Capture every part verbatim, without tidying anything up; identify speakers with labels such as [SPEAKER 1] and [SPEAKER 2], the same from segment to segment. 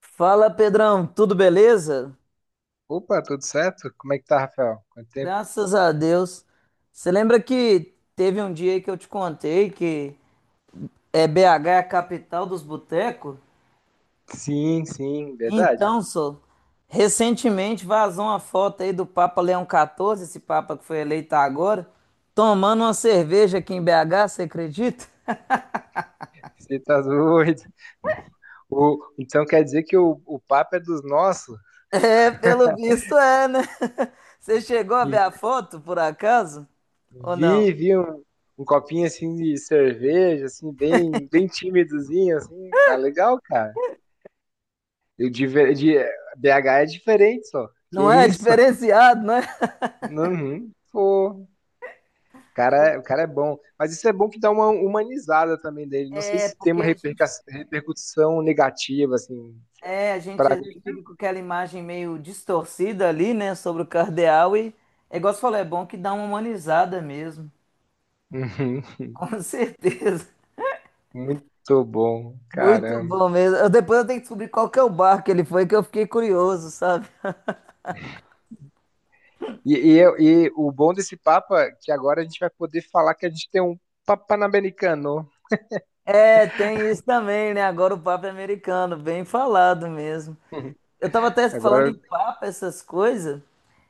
[SPEAKER 1] Fala, Pedrão, tudo beleza?
[SPEAKER 2] Opa, tudo certo? Como é que tá, Rafael? Quanto tempo?
[SPEAKER 1] Graças a Deus. Você lembra que teve um dia aí que eu te contei que é B H é a capital dos botecos?
[SPEAKER 2] Sim, sim, verdade.
[SPEAKER 1] Então, só recentemente vazou uma foto aí do Papa Leão quatorze, esse Papa que foi eleito agora, tomando uma cerveja aqui em B H, você acredita?
[SPEAKER 2] Você tá doido. O, então quer dizer que o, o papo é dos nossos?
[SPEAKER 1] É, pelo visto é, né? Você chegou a ver
[SPEAKER 2] E
[SPEAKER 1] a foto, por acaso? Ou não?
[SPEAKER 2] vi, vi um, um copinho assim de cerveja, assim, bem, bem tímidozinho, assim, mas legal, cara. Eu de, ver- de- B agá é diferente, só. Que
[SPEAKER 1] Não é
[SPEAKER 2] isso?
[SPEAKER 1] diferenciado, né?
[SPEAKER 2] Uhum. Pô, cara,
[SPEAKER 1] Eu-
[SPEAKER 2] é, o cara é bom. Mas isso é bom que dá uma humanizada também dele. Não sei
[SPEAKER 1] É,
[SPEAKER 2] se tem
[SPEAKER 1] porque
[SPEAKER 2] uma
[SPEAKER 1] a
[SPEAKER 2] reperca-
[SPEAKER 1] gente
[SPEAKER 2] repercussão negativa, assim.
[SPEAKER 1] É, a gente
[SPEAKER 2] Pra
[SPEAKER 1] às
[SPEAKER 2] mim,
[SPEAKER 1] vezes
[SPEAKER 2] né?
[SPEAKER 1] fica com aquela imagem meio distorcida ali, né, sobre o cardeal e, é igual você falou, é bom que dá uma humanizada mesmo,
[SPEAKER 2] Uhum.
[SPEAKER 1] com certeza.
[SPEAKER 2] Muito bom,
[SPEAKER 1] Muito
[SPEAKER 2] caramba.
[SPEAKER 1] bom mesmo. Eu, depois eu tenho que descobrir qual que é o bar que ele foi, que eu fiquei curioso, sabe?
[SPEAKER 2] E, e, eu- e o bom desse papo é que agora a gente vai poder falar que a gente tem um papo Panamericano. Uhum.
[SPEAKER 1] É, tem isso também, né? Agora o papo é americano, bem falado mesmo. Eu tava até falando
[SPEAKER 2] Agora,
[SPEAKER 1] em papo, essas coisas.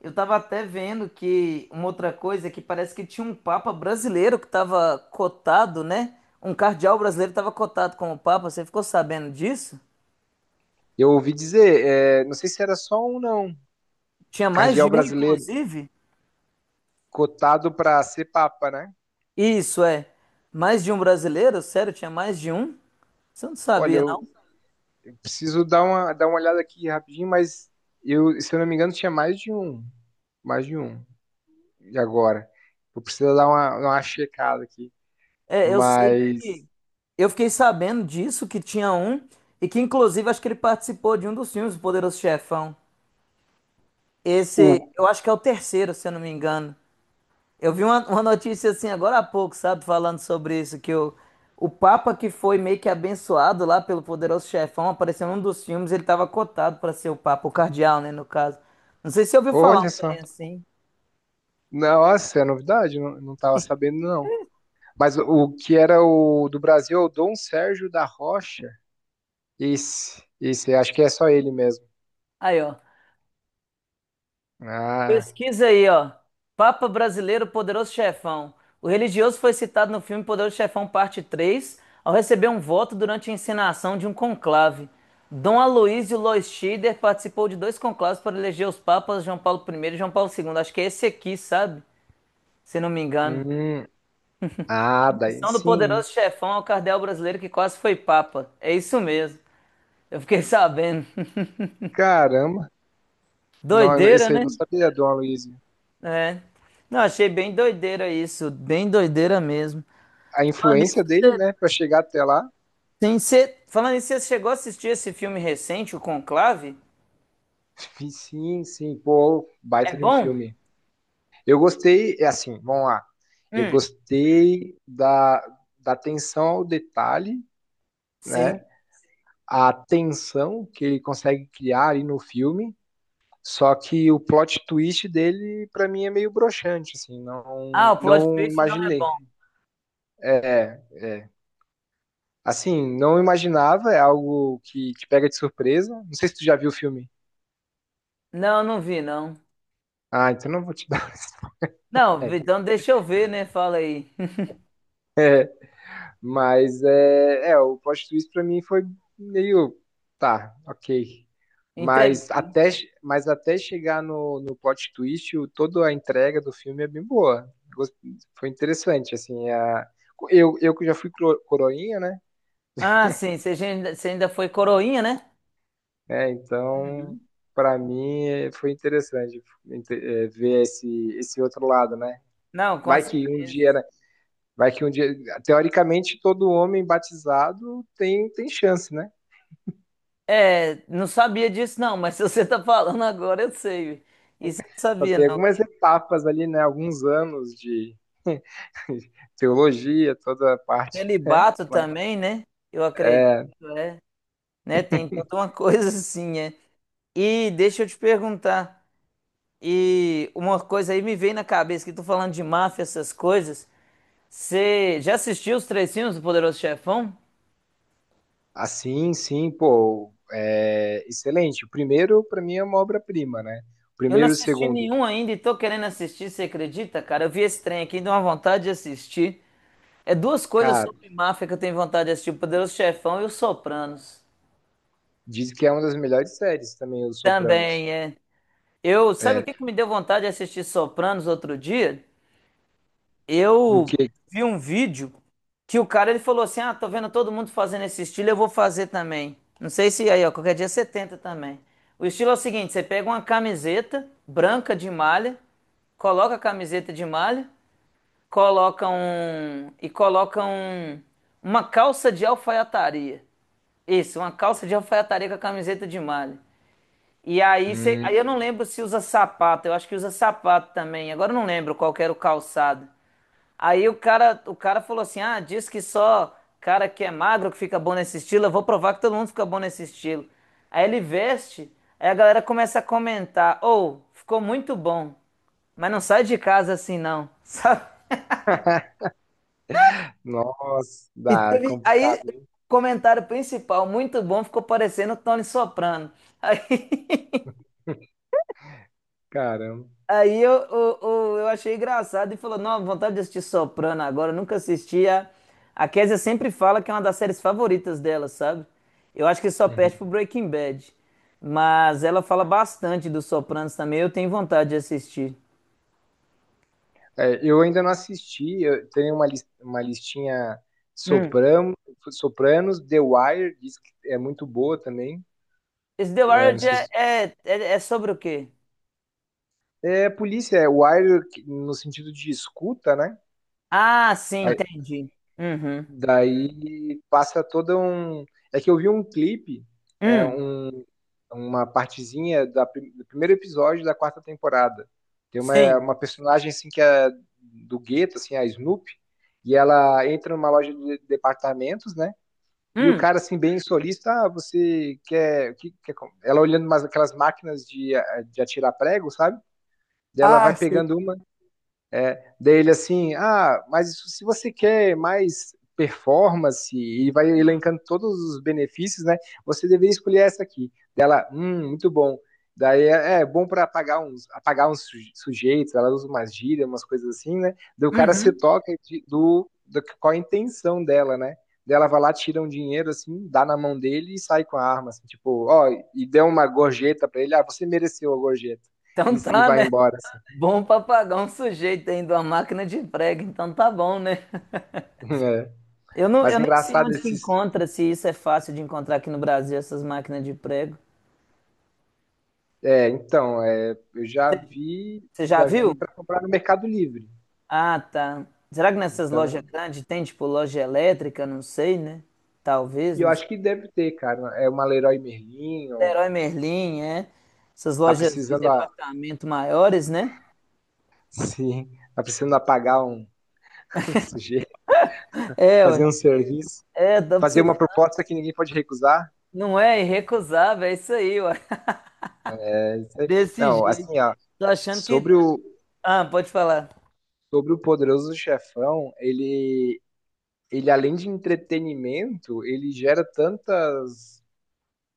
[SPEAKER 1] Eu tava até vendo que uma outra coisa é que parece que tinha um papa brasileiro que tava cotado, né? Um cardeal brasileiro tava cotado como papa. Você ficou sabendo disso?
[SPEAKER 2] eu ouvi dizer, é, não sei se era só um, não.
[SPEAKER 1] Tinha mais
[SPEAKER 2] Cardeal
[SPEAKER 1] de um,
[SPEAKER 2] brasileiro
[SPEAKER 1] inclusive?
[SPEAKER 2] cotado para ser papa, né?
[SPEAKER 1] Isso é. Mais de um brasileiro? Sério, tinha mais de um? Você não
[SPEAKER 2] Olha,
[SPEAKER 1] sabia, não?
[SPEAKER 2] eu preciso dar uma, dar uma olhada aqui rapidinho, mas eu, se eu não me engano, tinha mais de um. Mais de um. E agora? Vou precisar dar uma, uma checada aqui.
[SPEAKER 1] É, eu sei
[SPEAKER 2] Mas
[SPEAKER 1] que eu fiquei sabendo disso que tinha um e que inclusive acho que ele participou de um dos filmes do Poderoso Chefão. Esse,
[SPEAKER 2] o.
[SPEAKER 1] eu acho que é o terceiro, se eu não me engano. Eu vi uma, uma notícia assim agora há pouco, sabe, falando sobre isso, que o, o Papa que foi meio que abençoado lá pelo poderoso chefão, apareceu num dos filmes, ele tava cotado para ser o Papa, o cardeal, né, no caso. Não sei se você ouviu falar
[SPEAKER 2] Olha
[SPEAKER 1] um
[SPEAKER 2] só.
[SPEAKER 1] trem assim.
[SPEAKER 2] Nossa, é novidade, não, não tava sabendo, não. Mas o, o que era o do Brasil, é o Dom Sérgio da Rocha. Esse, esse, acho que é só ele mesmo.
[SPEAKER 1] Aí, ó.
[SPEAKER 2] Ah,
[SPEAKER 1] Pesquisa aí, ó. Papa brasileiro, poderoso chefão. O religioso foi citado no filme Poderoso Chefão Parte três, ao receber um voto durante a encenação de um conclave. Dom Aloysio Lois Schieder participou de dois conclaves para eleger os papas João Paulo primeiro e João Paulo segundo. Acho que é esse aqui, sabe? Se não me engano.
[SPEAKER 2] hum, ah, daí
[SPEAKER 1] Missão do
[SPEAKER 2] sim.
[SPEAKER 1] poderoso chefão ao cardeal brasileiro que quase foi papa. É isso mesmo. Eu fiquei sabendo.
[SPEAKER 2] Caramba. Não,
[SPEAKER 1] Doideira,
[SPEAKER 2] esse aí eu
[SPEAKER 1] né?
[SPEAKER 2] não sabia, Dom Aloysio.
[SPEAKER 1] É. Não, achei bem doideira isso. Bem doideira mesmo.
[SPEAKER 2] A
[SPEAKER 1] Falando nisso,
[SPEAKER 2] influência dele, né, para chegar até lá.
[SPEAKER 1] Sim, você, falando isso, você chegou a assistir esse filme recente, o Conclave?
[SPEAKER 2] Sim, sim, pô,
[SPEAKER 1] É
[SPEAKER 2] baita de um
[SPEAKER 1] bom?
[SPEAKER 2] filme. Eu gostei, é assim, vamos lá. Eu
[SPEAKER 1] Hum,
[SPEAKER 2] gostei da, da atenção ao detalhe,
[SPEAKER 1] sim.
[SPEAKER 2] né? A tensão que ele consegue criar ali no filme. Só que o plot twist dele, para mim, é meio broxante, assim,
[SPEAKER 1] Ah,
[SPEAKER 2] não,
[SPEAKER 1] o plot
[SPEAKER 2] não
[SPEAKER 1] twist não é
[SPEAKER 2] imaginei.
[SPEAKER 1] bom.
[SPEAKER 2] É, é. Assim, não imaginava, é algo que te pega de surpresa. Não sei se tu já viu o filme.
[SPEAKER 1] Não, não vi, não.
[SPEAKER 2] Ah, então não vou te dar.
[SPEAKER 1] Não, vi-
[SPEAKER 2] É,
[SPEAKER 1] então deixa eu ver, né? Fala aí.
[SPEAKER 2] Mas é, é, o plot twist pra mim foi meio, tá, ok. Mas
[SPEAKER 1] Entende?
[SPEAKER 2] até, mas até chegar no, no plot twist, o, toda a entrega do filme é bem boa. Gost- Foi interessante, assim, a, eu, eu que já fui cro- coroinha, né?
[SPEAKER 1] Ah, sim, você ainda, você ainda foi coroinha, né?
[SPEAKER 2] É, então,
[SPEAKER 1] Uhum.
[SPEAKER 2] pra mim é, foi interessante inte- é, ver esse, esse outro lado, né?
[SPEAKER 1] Não, com
[SPEAKER 2] Vai que um
[SPEAKER 1] certeza.
[SPEAKER 2] dia, né? Vai que um dia, teoricamente, todo homem batizado tem, tem chance, né?
[SPEAKER 1] É, não sabia disso, não, mas se você tá falando agora, eu sei. Isso eu não
[SPEAKER 2] Só
[SPEAKER 1] sabia,
[SPEAKER 2] tem
[SPEAKER 1] não.
[SPEAKER 2] algumas etapas ali, né? Alguns anos de teologia, toda a parte, né?
[SPEAKER 1] Celibato
[SPEAKER 2] Mas,
[SPEAKER 1] também, né? Eu acredito, é. Né? Tem toda uma coisa assim, é. E deixa eu te perguntar. E uma coisa aí me veio na cabeça, que tô falando de máfia, essas coisas. Você já assistiu os três filmes do Poderoso Chefão?
[SPEAKER 2] assim, sim, pô, é excelente. O primeiro, para mim, é uma obra-prima, né? O
[SPEAKER 1] Eu não
[SPEAKER 2] primeiro e o
[SPEAKER 1] assisti
[SPEAKER 2] segundo,
[SPEAKER 1] nenhum ainda e tô querendo assistir, você acredita, cara? Eu vi esse trem aqui, e deu uma vontade de assistir. É duas coisas
[SPEAKER 2] cara,
[SPEAKER 1] sobre máfia que eu tenho vontade de assistir, o Poderoso Chefão e os Sopranos.
[SPEAKER 2] diz que é uma das melhores séries também, Os Sopranos.
[SPEAKER 1] Também, é. Eu, sabe o
[SPEAKER 2] É,
[SPEAKER 1] que que me deu vontade de assistir Sopranos outro dia?
[SPEAKER 2] o
[SPEAKER 1] Eu
[SPEAKER 2] que?
[SPEAKER 1] vi um vídeo que o cara ele falou assim: "Ah, tô vendo todo mundo fazendo esse estilo, eu vou fazer também". Não sei se aí, ó, qualquer dia você tenta também. O estilo é o seguinte, você pega uma camiseta branca de malha, coloca a camiseta de malha, coloca um e coloca um uma calça de alfaiataria. Isso, uma calça de alfaiataria com a camiseta de malha. E aí, você, aí
[SPEAKER 2] Hum,
[SPEAKER 1] eu não lembro se usa sapato, eu acho que usa sapato também. Agora eu não lembro qual que era o calçado. Aí o cara, o cara falou assim: "Ah, diz que só cara que é magro que fica bom nesse estilo, eu vou provar que todo mundo fica bom nesse estilo". Aí ele veste, aí a galera começa a comentar: "Ou, ficou muito bom, mas não sai de casa assim não". Sabe?
[SPEAKER 2] nossa,
[SPEAKER 1] E
[SPEAKER 2] dá, é
[SPEAKER 1] teve aí
[SPEAKER 2] complicado, hein?
[SPEAKER 1] comentário principal, muito bom, ficou parecendo o Tony Soprano. Aí
[SPEAKER 2] Caramba.
[SPEAKER 1] Aí eu, eu, eu, eu achei engraçado e falou: Não, vontade de assistir Soprano agora, eu nunca assisti. A, a Kézia sempre fala que é uma das séries favoritas dela, sabe? Eu acho que só perde
[SPEAKER 2] Uhum.
[SPEAKER 1] pro Breaking Bad. Mas ela fala bastante dos Sopranos também, eu tenho vontade de assistir.
[SPEAKER 2] É, eu ainda não assisti, eu tenho uma, lis- uma listinha
[SPEAKER 1] Hum.
[SPEAKER 2] Soprano, Sopranos, The Wire, diz que é muito boa também.
[SPEAKER 1] Esse The
[SPEAKER 2] É,
[SPEAKER 1] Wire
[SPEAKER 2] não sei
[SPEAKER 1] já
[SPEAKER 2] se-
[SPEAKER 1] é, é, é sobre o quê?
[SPEAKER 2] é polícia, é Wire que- no sentido de escuta, né?
[SPEAKER 1] Ah, sim,
[SPEAKER 2] Aí-
[SPEAKER 1] entendi. Uhum.
[SPEAKER 2] daí passa todo um. É que eu vi um clipe, é,
[SPEAKER 1] Hum,
[SPEAKER 2] um- uma partezinha da prim- do primeiro episódio da quarta temporada. Tem uma,
[SPEAKER 1] sim.
[SPEAKER 2] uma personagem assim que é do gueto, assim, a Snoopy, e ela entra numa loja de departamentos, né? E o
[SPEAKER 1] Hum,
[SPEAKER 2] cara, assim, bem solista, ah, você quer, que- quer com-" Ela olhando umas, aquelas máquinas de, a- de atirar prego, sabe? Daí ela vai
[SPEAKER 1] Ah, sim.
[SPEAKER 2] pegando uma dele assim, ah, mas isso, se você quer mais performance e vai elencando todos os benefícios, né? Você deveria escolher essa aqui. Dela, hum, muito bom. Daí é, é bom para apagar uns, apagar uns sujeitos, ela usa umas gírias, umas coisas assim, né? Daí o cara se
[SPEAKER 1] Uhum.
[SPEAKER 2] toca de, do, do qual a intenção dela, né? Dela vai lá, tira um dinheiro assim, dá na mão dele e sai com a arma, assim, tipo, ó, e deu uma gorjeta para ele, ah, você mereceu a gorjeta e,
[SPEAKER 1] Então
[SPEAKER 2] e
[SPEAKER 1] tá,
[SPEAKER 2] vai
[SPEAKER 1] né?
[SPEAKER 2] embora. Assim.
[SPEAKER 1] Bom papagão sujeito ainda, uma máquina de prego, então tá bom, né?
[SPEAKER 2] É.
[SPEAKER 1] Eu não, eu
[SPEAKER 2] Mas é
[SPEAKER 1] nem sei
[SPEAKER 2] engraçado
[SPEAKER 1] onde que
[SPEAKER 2] esses,
[SPEAKER 1] encontra, se isso é fácil de encontrar aqui no Brasil, essas máquinas de prego.
[SPEAKER 2] é, então, é, eu já vi,
[SPEAKER 1] Você já
[SPEAKER 2] já vi
[SPEAKER 1] viu?
[SPEAKER 2] para comprar no Mercado Livre.
[SPEAKER 1] Ah, tá. Será que nessas lojas
[SPEAKER 2] Então,
[SPEAKER 1] grandes tem, tipo, loja elétrica? Não sei, né? Talvez,
[SPEAKER 2] e eu
[SPEAKER 1] não sei.
[SPEAKER 2] acho que deve ter, cara. É uma Leroy Merlin, ou
[SPEAKER 1] Leroy Merlin, é. Essas
[SPEAKER 2] tá
[SPEAKER 1] lojas de
[SPEAKER 2] precisando a,
[SPEAKER 1] departamento maiores, né?
[SPEAKER 2] sim, tá precisando apagar um sujeito,
[SPEAKER 1] É, ué.
[SPEAKER 2] fazer um serviço,
[SPEAKER 1] É, tá
[SPEAKER 2] fazer uma
[SPEAKER 1] precisando.
[SPEAKER 2] proposta que ninguém pode recusar.
[SPEAKER 1] Não é irrecusável, é isso aí, ué.
[SPEAKER 2] É, isso aí.
[SPEAKER 1] Desse
[SPEAKER 2] Não,
[SPEAKER 1] jeito.
[SPEAKER 2] assim, ó,
[SPEAKER 1] Tô achando que.
[SPEAKER 2] sobre o
[SPEAKER 1] Ah, pode falar.
[SPEAKER 2] sobre o Poderoso Chefão, ele ele além de entretenimento, ele gera tantas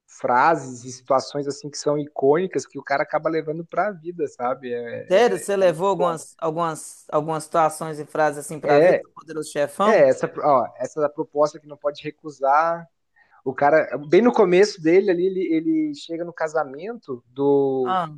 [SPEAKER 2] frases e situações assim que são icônicas que o cara acaba levando para a vida, sabe? É,
[SPEAKER 1] Sério,
[SPEAKER 2] é é
[SPEAKER 1] você
[SPEAKER 2] muito
[SPEAKER 1] levou
[SPEAKER 2] bom.
[SPEAKER 1] algumas, algumas, algumas situações e frases assim pra
[SPEAKER 2] É,
[SPEAKER 1] vida, do poderoso chefão?
[SPEAKER 2] é essa, ó, essa da proposta que não pode recusar. O cara, bem no começo dele ali, ele, ele chega no casamento do
[SPEAKER 1] Ah.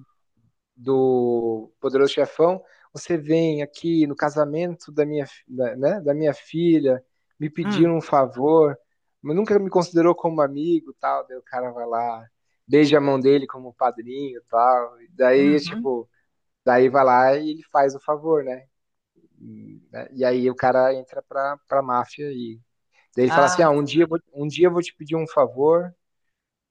[SPEAKER 2] do Poderoso Chefão, você vem aqui no casamento da minha, da, né, da minha filha, me pedir
[SPEAKER 1] Hum,
[SPEAKER 2] um favor, mas nunca me considerou como amigo, tal, daí o cara vai lá, beija a mão dele como padrinho, tal, e daí,
[SPEAKER 1] uhum.
[SPEAKER 2] tipo, daí vai lá e ele faz o favor, né, e, né, e aí o cara entra pra, pra máfia e daí ele fala assim,
[SPEAKER 1] Ah,
[SPEAKER 2] ah, um dia, eu vou- um dia eu vou te pedir um favor,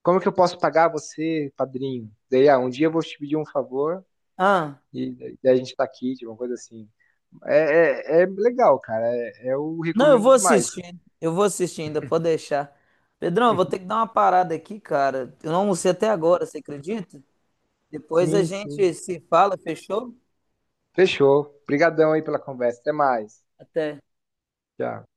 [SPEAKER 2] como que eu posso pagar você, padrinho? Daí, ah, um dia eu vou te pedir um favor,
[SPEAKER 1] ah.
[SPEAKER 2] e daí a gente tá aqui, tipo uma coisa assim. É, é, é legal, cara. É, é, eu
[SPEAKER 1] Não, eu
[SPEAKER 2] recomendo
[SPEAKER 1] vou
[SPEAKER 2] demais.
[SPEAKER 1] assistir. Eu vou assistir ainda, pode deixar. Pedrão, eu vou ter que dar uma parada aqui, cara. Eu não almocei até agora, você acredita? Depois a
[SPEAKER 2] Sim,
[SPEAKER 1] gente
[SPEAKER 2] sim.
[SPEAKER 1] se fala, fechou?
[SPEAKER 2] Fechou. Obrigadão aí pela conversa. Até mais.
[SPEAKER 1] Até.
[SPEAKER 2] Tchau.